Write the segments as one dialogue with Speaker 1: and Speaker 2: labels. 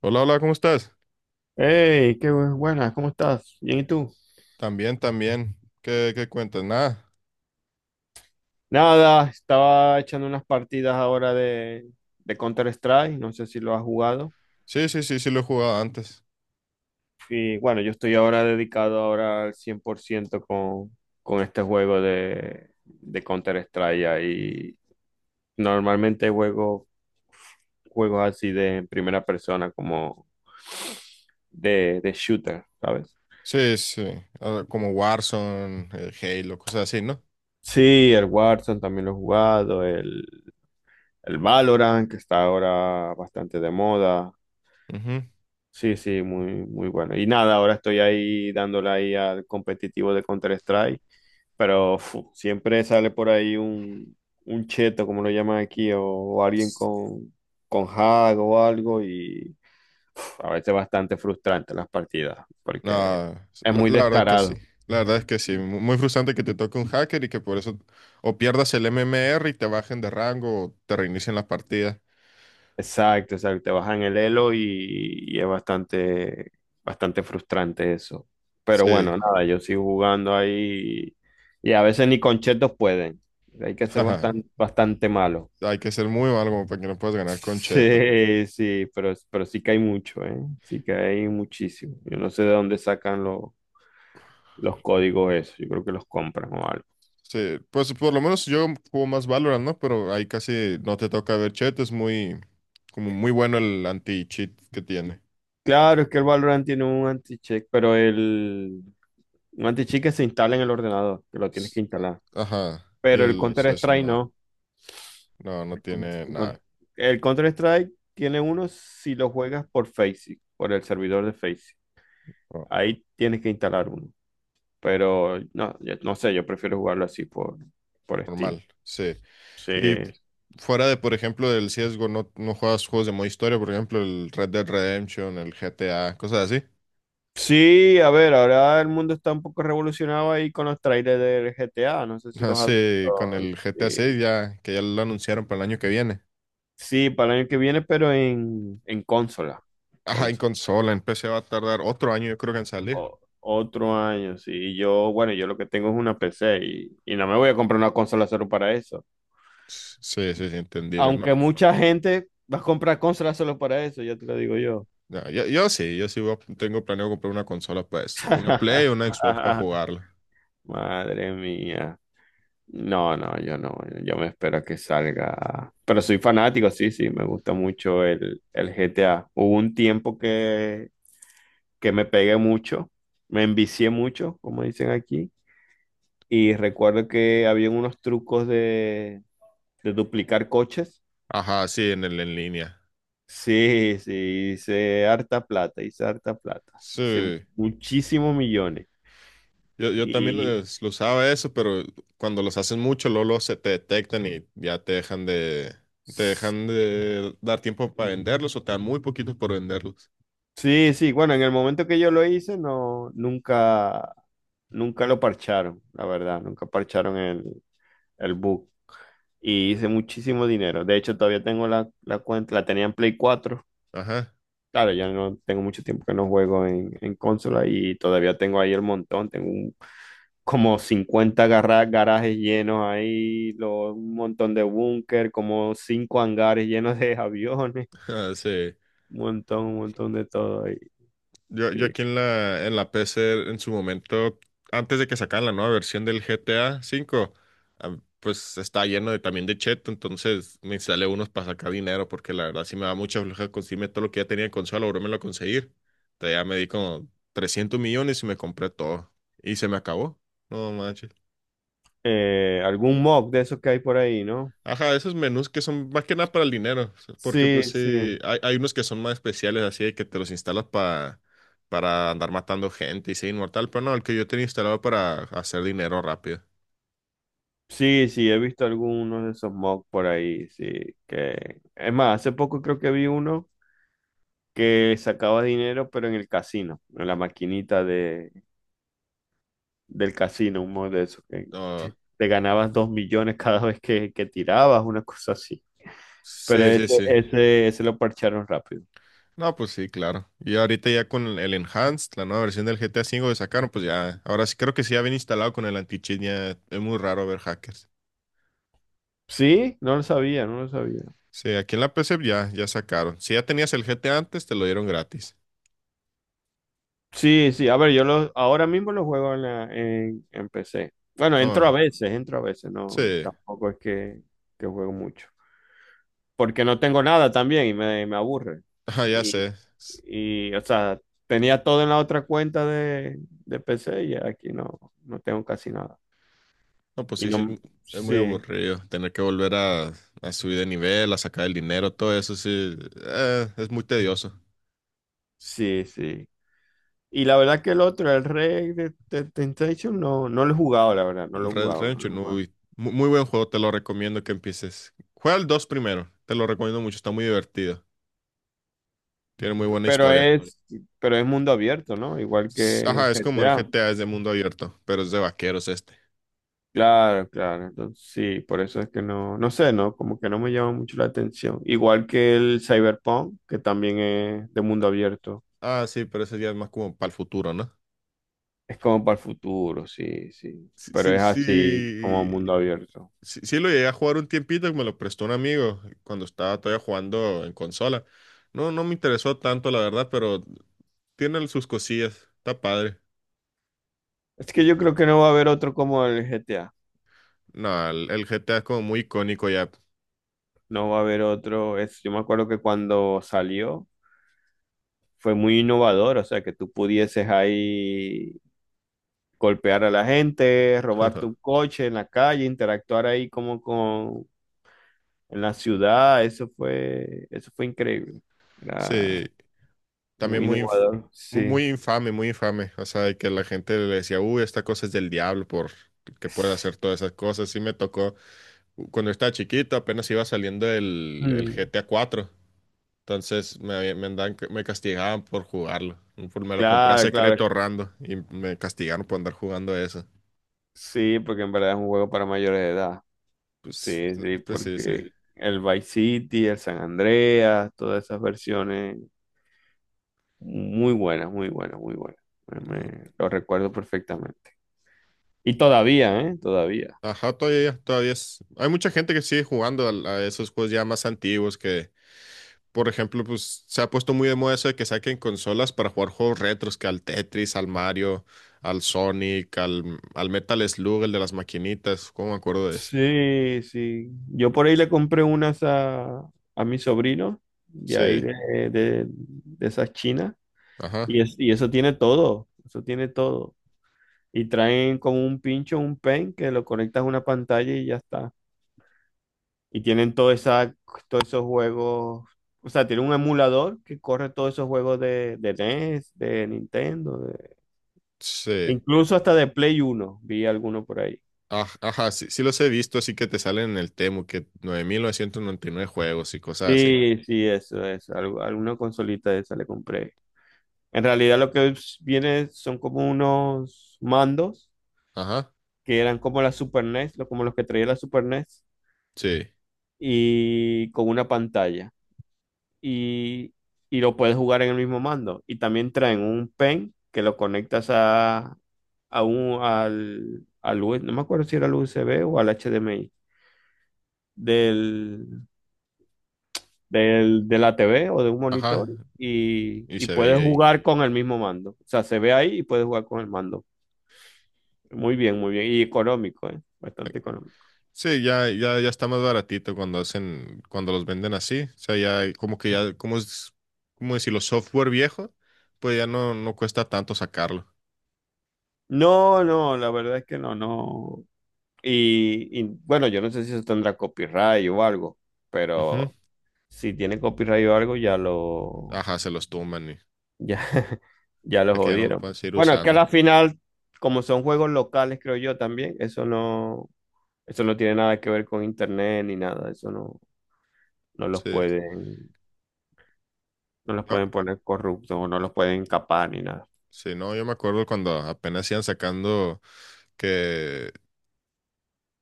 Speaker 1: Hola, hola, ¿cómo estás?
Speaker 2: Hey, qué buenas, ¿cómo estás? Bien, ¿y tú?
Speaker 1: También, también. ¿Qué cuentas? Nada.
Speaker 2: Nada, estaba echando unas partidas ahora de Counter-Strike, no sé si lo has jugado.
Speaker 1: Sí, sí, sí, sí lo he jugado antes.
Speaker 2: Y bueno, yo estoy ahora dedicado ahora al 100% con este juego de Counter-Strike. Y normalmente juego juegos así de primera persona, como de shooter, ¿sabes?
Speaker 1: Sí, sí. Ah, como Warzone, Halo, cosas así, ¿no?
Speaker 2: Sí, el Warzone también lo he jugado, el Valorant, que está ahora bastante de moda.
Speaker 1: Ujú.
Speaker 2: Sí, sí, muy, muy bueno. Y nada, ahora estoy ahí dándole ahí al competitivo de Counter-Strike, pero siempre sale por ahí un cheto, como lo llaman aquí, o alguien con hack o algo, y a veces bastante frustrante las partidas, porque
Speaker 1: Nada,
Speaker 2: es
Speaker 1: la,
Speaker 2: muy
Speaker 1: la verdad que sí.
Speaker 2: descarado.
Speaker 1: La verdad es que sí. Muy frustrante que te toque un hacker y que por eso o pierdas el MMR y te bajen de rango o te reinicien la partida.
Speaker 2: Exacto, exacto, te bajan el elo y es bastante, bastante frustrante eso. Pero
Speaker 1: Sí.
Speaker 2: bueno, nada, yo sigo jugando ahí y, a veces ni con chetos pueden. Hay que ser bastante, bastante malo.
Speaker 1: Hay que ser muy malo como para que no puedas ganar con cheto.
Speaker 2: Sí, sí, pero sí que hay mucho, ¿eh? Sí que hay muchísimo. Yo no sé de dónde sacan los códigos eso. Yo creo que los compran o algo.
Speaker 1: Sí, pues por lo menos yo juego más Valorant, ¿no? Pero ahí casi no te toca ver chat, es como muy bueno el anti-cheat que tiene.
Speaker 2: Claro, es que el Valorant tiene un anti-check, un anti-check que se instala en el ordenador, que lo tienes que
Speaker 1: S-
Speaker 2: instalar.
Speaker 1: Ajá, y
Speaker 2: Pero el
Speaker 1: el CS
Speaker 2: Counter-Strike
Speaker 1: no,
Speaker 2: no.
Speaker 1: no, no
Speaker 2: El, con-
Speaker 1: tiene
Speaker 2: el con-
Speaker 1: nada,
Speaker 2: el Counter-Strike tiene uno si lo juegas por Faceit, por el servidor de Faceit.
Speaker 1: no,
Speaker 2: Ahí tienes que instalar uno. Pero no, no sé, yo prefiero jugarlo así por Steam.
Speaker 1: normal, sí.
Speaker 2: Sí.
Speaker 1: Y fuera de, por ejemplo, el CSGO, ¿no, no juegas juegos de modo historia? Por ejemplo, el Red Dead Redemption, el GTA, cosas así.
Speaker 2: Sí, a ver, ahora el mundo está un poco revolucionado ahí con los trailers del GTA, no sé si
Speaker 1: Ah,
Speaker 2: los has
Speaker 1: sí, con
Speaker 2: visto.
Speaker 1: el GTA
Speaker 2: Sí,
Speaker 1: 6 ya, que ya lo anunciaron para el año que viene.
Speaker 2: sí, para el año que viene, pero en consola.
Speaker 1: Ajá, en
Speaker 2: Consola.
Speaker 1: consola, en PC va a tardar otro año, yo creo que en salir.
Speaker 2: Otro año, sí. Y yo, bueno, yo lo que tengo es una PC y no me voy a comprar una consola solo para eso.
Speaker 1: Sí, sí, sí, entendible, ¿no?
Speaker 2: Aunque mucha gente va a comprar consolas solo para eso, ya te lo digo yo.
Speaker 1: Ya, yo sí, yo sí, tengo planeado comprar una consola para eso. Una Play o una Xbox para jugarla.
Speaker 2: Madre mía. No, no, yo no. Yo me espero a que salga. Pero soy fanático, sí, sí. Me gusta mucho el GTA. Hubo un tiempo que me pegué mucho. Me envicié mucho, como dicen aquí. Y recuerdo que había unos trucos de duplicar coches.
Speaker 1: Ajá, sí, en el en línea.
Speaker 2: Sí, sí, hice harta plata, hice harta plata, hice
Speaker 1: Sí,
Speaker 2: muchísimos millones.
Speaker 1: yo también
Speaker 2: Y
Speaker 1: lo usaba eso, pero cuando los hacen mucho, luego, luego se te detectan y ya te dejan de dar tiempo para venderlos o te dan muy poquitos por venderlos.
Speaker 2: sí, sí, bueno, en el momento que yo lo hice, no, nunca, nunca lo parcharon, la verdad, nunca parcharon el bug. Y hice muchísimo dinero. De hecho, todavía tengo la cuenta, la tenía en Play 4.
Speaker 1: Ajá,
Speaker 2: Claro, ya no tengo mucho tiempo que no juego en consola y todavía tengo ahí el montón. Tengo como 50 garajes llenos ahí, un montón de búnker, como cinco hangares llenos de aviones,
Speaker 1: sí.
Speaker 2: un montón de todo ahí.
Speaker 1: Yo,
Speaker 2: Sí.
Speaker 1: yo aquí en la PC en su momento, antes de que sacaran la nueva versión del GTA V, ah, pues estaba lleno de, también de cheto, entonces me instalé unos para sacar dinero, porque la verdad sí me daba mucha floja conseguirme todo lo que ya tenía en consola, ahora me lo conseguir. Entonces ya me di como 300 millones y me compré todo. Y se me acabó. No.
Speaker 2: Algún mob de esos que hay por ahí, ¿no?
Speaker 1: Ajá, esos menús que son más que nada para el dinero, o sea, porque pues
Speaker 2: Sí,
Speaker 1: sí,
Speaker 2: sí.
Speaker 1: hay unos que son más especiales, así de que te los instalas para andar matando gente y ser inmortal, pero no, el que yo tenía instalado para hacer dinero rápido.
Speaker 2: Sí, sí, he visto algunos de esos mocks por ahí, sí, que es más, hace poco creo que vi uno que sacaba dinero pero en el casino, en la maquinita de del casino, un mod de eso, que
Speaker 1: No,
Speaker 2: te ganabas 2 millones cada vez que tirabas, una cosa así. Pero
Speaker 1: sí, sí,
Speaker 2: ese,
Speaker 1: sí.
Speaker 2: ese, ese lo parcharon rápido.
Speaker 1: No, pues sí, claro. Y ahorita ya con el Enhanced, la nueva versión del GTA V que sacaron, pues ya, ahora sí creo que sí ya viene instalado con el anti-cheat, ya es muy raro ver hackers.
Speaker 2: Sí, no lo sabía, no lo sabía.
Speaker 1: Sí, aquí en la PC ya, ya sacaron. Si ya tenías el GTA antes, te lo dieron gratis.
Speaker 2: Sí, sí, a ver, ahora mismo lo juego en PC. Bueno,
Speaker 1: No,
Speaker 2: entro a veces,
Speaker 1: sí,
Speaker 2: no, tampoco es que juego mucho. Porque no tengo nada también y me aburre.
Speaker 1: ah, ya
Speaker 2: Y,
Speaker 1: sé.
Speaker 2: y, o sea, tenía todo en la otra cuenta de PC y aquí no, no tengo casi nada.
Speaker 1: No, pues
Speaker 2: Y
Speaker 1: sí, sí,
Speaker 2: no,
Speaker 1: es muy
Speaker 2: sí,
Speaker 1: aburrido. Tener que volver a subir de nivel, a sacar el dinero, todo eso sí, es muy tedioso.
Speaker 2: sí, sí. Y la verdad que el otro, el Rey de Temptation, no, no lo he jugado, la verdad, no lo
Speaker 1: El
Speaker 2: he
Speaker 1: Red
Speaker 2: jugado, no
Speaker 1: Red
Speaker 2: lo he jugado.
Speaker 1: Shinobi, muy buen juego, te lo recomiendo que empieces. Juega el 2 primero, te lo recomiendo mucho, está muy divertido. Tiene muy
Speaker 2: P-
Speaker 1: buena
Speaker 2: Pero
Speaker 1: historia.
Speaker 2: es, pero es mundo abierto, ¿no? Igual que
Speaker 1: Ajá, es como el
Speaker 2: GTA.
Speaker 1: GTA, es de mundo abierto, pero es de vaqueros este.
Speaker 2: Claro, claro. Entonces, sí, por eso es que no sé, ¿no? Como que no me llama mucho la atención. Igual que el Cyberpunk, que también es de mundo abierto.
Speaker 1: Ah, sí, pero ese ya es más como para el futuro, ¿no?
Speaker 2: Es como para el futuro, sí, sí.
Speaker 1: Sí,
Speaker 2: Pero
Speaker 1: sí,
Speaker 2: es así como
Speaker 1: sí.
Speaker 2: mundo abierto.
Speaker 1: Sí, sí lo llegué a jugar un tiempito, que me lo prestó un amigo cuando estaba todavía jugando en consola. No, no me interesó tanto, la verdad, pero tiene sus cosillas, está padre.
Speaker 2: Es que yo creo que no va a haber otro como el GTA.
Speaker 1: No, el GTA es como muy icónico ya.
Speaker 2: No va a haber otro. Yo me acuerdo que cuando salió fue muy innovador, o sea, que tú pudieses ahí golpear a la gente, robarte un coche en la calle, interactuar ahí como con en la ciudad. Eso fue increíble. Era
Speaker 1: Sí, también
Speaker 2: muy innovador, sí.
Speaker 1: muy infame, muy infame. O sea, de que la gente le decía, uy, esta cosa es del diablo por que puede hacer todas esas cosas. Sí me tocó. Cuando estaba chiquito, apenas iba saliendo el
Speaker 2: Mm.
Speaker 1: GTA 4. Entonces me, andaban me castigaban por jugarlo. Me lo compré a
Speaker 2: Claro, claro.
Speaker 1: secreto ahorrando y me castigaron por andar jugando eso.
Speaker 2: Sí, porque en verdad es un juego para mayores de edad.
Speaker 1: Pues,
Speaker 2: Sí, sí,
Speaker 1: pues sí, sí.
Speaker 2: porque el Vice City, el San Andreas, todas esas versiones. Muy buena, muy buena, muy buena. Lo recuerdo perfectamente. Y todavía, ¿eh? Todavía.
Speaker 1: Ajá, todavía, todavía es. Hay mucha gente que sigue jugando a, esos juegos ya más antiguos que, por ejemplo, pues se ha puesto muy de moda eso de que saquen consolas para jugar juegos retros, que al Tetris, al Mario, al Sonic, al Metal Slug, el de las maquinitas. ¿Cómo me acuerdo de ese?
Speaker 2: Sí, sí. Yo por ahí le compré unas a mi sobrino, de ahí
Speaker 1: Sí,
Speaker 2: de esas chinas.
Speaker 1: ajá,
Speaker 2: Y eso tiene todo, eso tiene todo. Y traen como un pincho, un pen, que lo conectas a una pantalla y ya está. Y tienen todos esos juegos. O sea, tiene un emulador que corre todos esos juegos de NES, de Nintendo.
Speaker 1: sí.
Speaker 2: Incluso hasta de Play 1 vi alguno por ahí.
Speaker 1: Ajá, sí, sí los he visto, así que te salen en el Temu, que 9999 juegos y cosas así.
Speaker 2: Sí, sí, eso es. Alguna consolita de esa le compré. En realidad lo que viene son como unos mandos
Speaker 1: Ajá,
Speaker 2: que eran como la Super NES, como los que traía la Super NES,
Speaker 1: sí,
Speaker 2: y con una pantalla. Y, y lo puedes jugar en el mismo mando. Y también traen un pen que lo conectas a al U- S B, no me acuerdo si era al USB o al HDMI del, de la TV o de un monitor
Speaker 1: ajá,
Speaker 2: y,
Speaker 1: y
Speaker 2: y
Speaker 1: se
Speaker 2: puedes
Speaker 1: veía ahí.
Speaker 2: jugar con el mismo mando. O sea, se ve ahí y puedes jugar con el mando. Muy bien, muy bien. Y económico, ¿eh? Bastante económico.
Speaker 1: Sí, ya, ya, ya está más baratito cuando hacen, cuando los venden así. O sea, ya como que ya, como es, como decirlo, software viejo, pues ya no, no cuesta tanto sacarlo.
Speaker 2: No, no, la verdad es que no, no. Y, bueno, yo no sé si eso tendrá copyright o algo,
Speaker 1: Ujú,
Speaker 2: pero si tiene copyright o algo,
Speaker 1: ajá, se los tumban y
Speaker 2: ya, ya lo
Speaker 1: para que ya no los
Speaker 2: jodieron.
Speaker 1: puedan seguir
Speaker 2: Bueno, es que a
Speaker 1: usando.
Speaker 2: la final, como son juegos locales, creo yo también, eso no tiene nada que ver con internet ni nada, eso no. No los
Speaker 1: Sí.
Speaker 2: pueden, no los
Speaker 1: No,
Speaker 2: pueden poner corruptos o no los pueden capar ni nada.
Speaker 1: sí, no, yo me acuerdo cuando apenas iban sacando que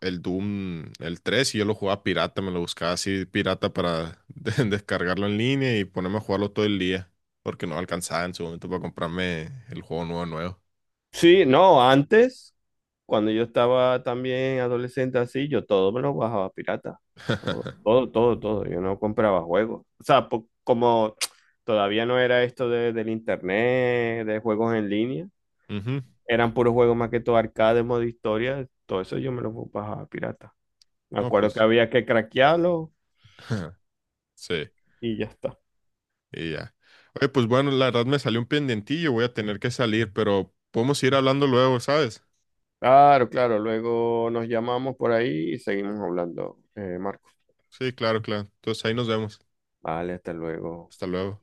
Speaker 1: el Doom, el 3 y yo lo jugaba pirata, me lo buscaba así pirata para descargarlo en línea y ponerme a jugarlo todo el día, porque no alcanzaba en su momento para comprarme el juego nuevo nuevo.
Speaker 2: Sí, no, antes, cuando yo estaba también adolescente así, yo todo me lo bajaba pirata. Todo, todo, todo, todo. Yo no compraba juegos. O sea, como todavía no era esto del internet, de juegos en línea,
Speaker 1: Ujú,
Speaker 2: eran puros juegos más que todo arcade, modo historia, todo eso yo me lo bajaba pirata. Me
Speaker 1: no,
Speaker 2: acuerdo que
Speaker 1: pues
Speaker 2: había que craquearlo
Speaker 1: sí,
Speaker 2: y ya está.
Speaker 1: y ya. Oye, pues bueno, la verdad me salió un pendientillo, voy a tener que salir, pero podemos ir hablando luego, ¿sabes?
Speaker 2: Claro, claro. Luego nos llamamos por ahí y seguimos hablando, Marco.
Speaker 1: Sí, claro, claro. Entonces ahí nos vemos.
Speaker 2: Vale, hasta luego.
Speaker 1: Hasta luego.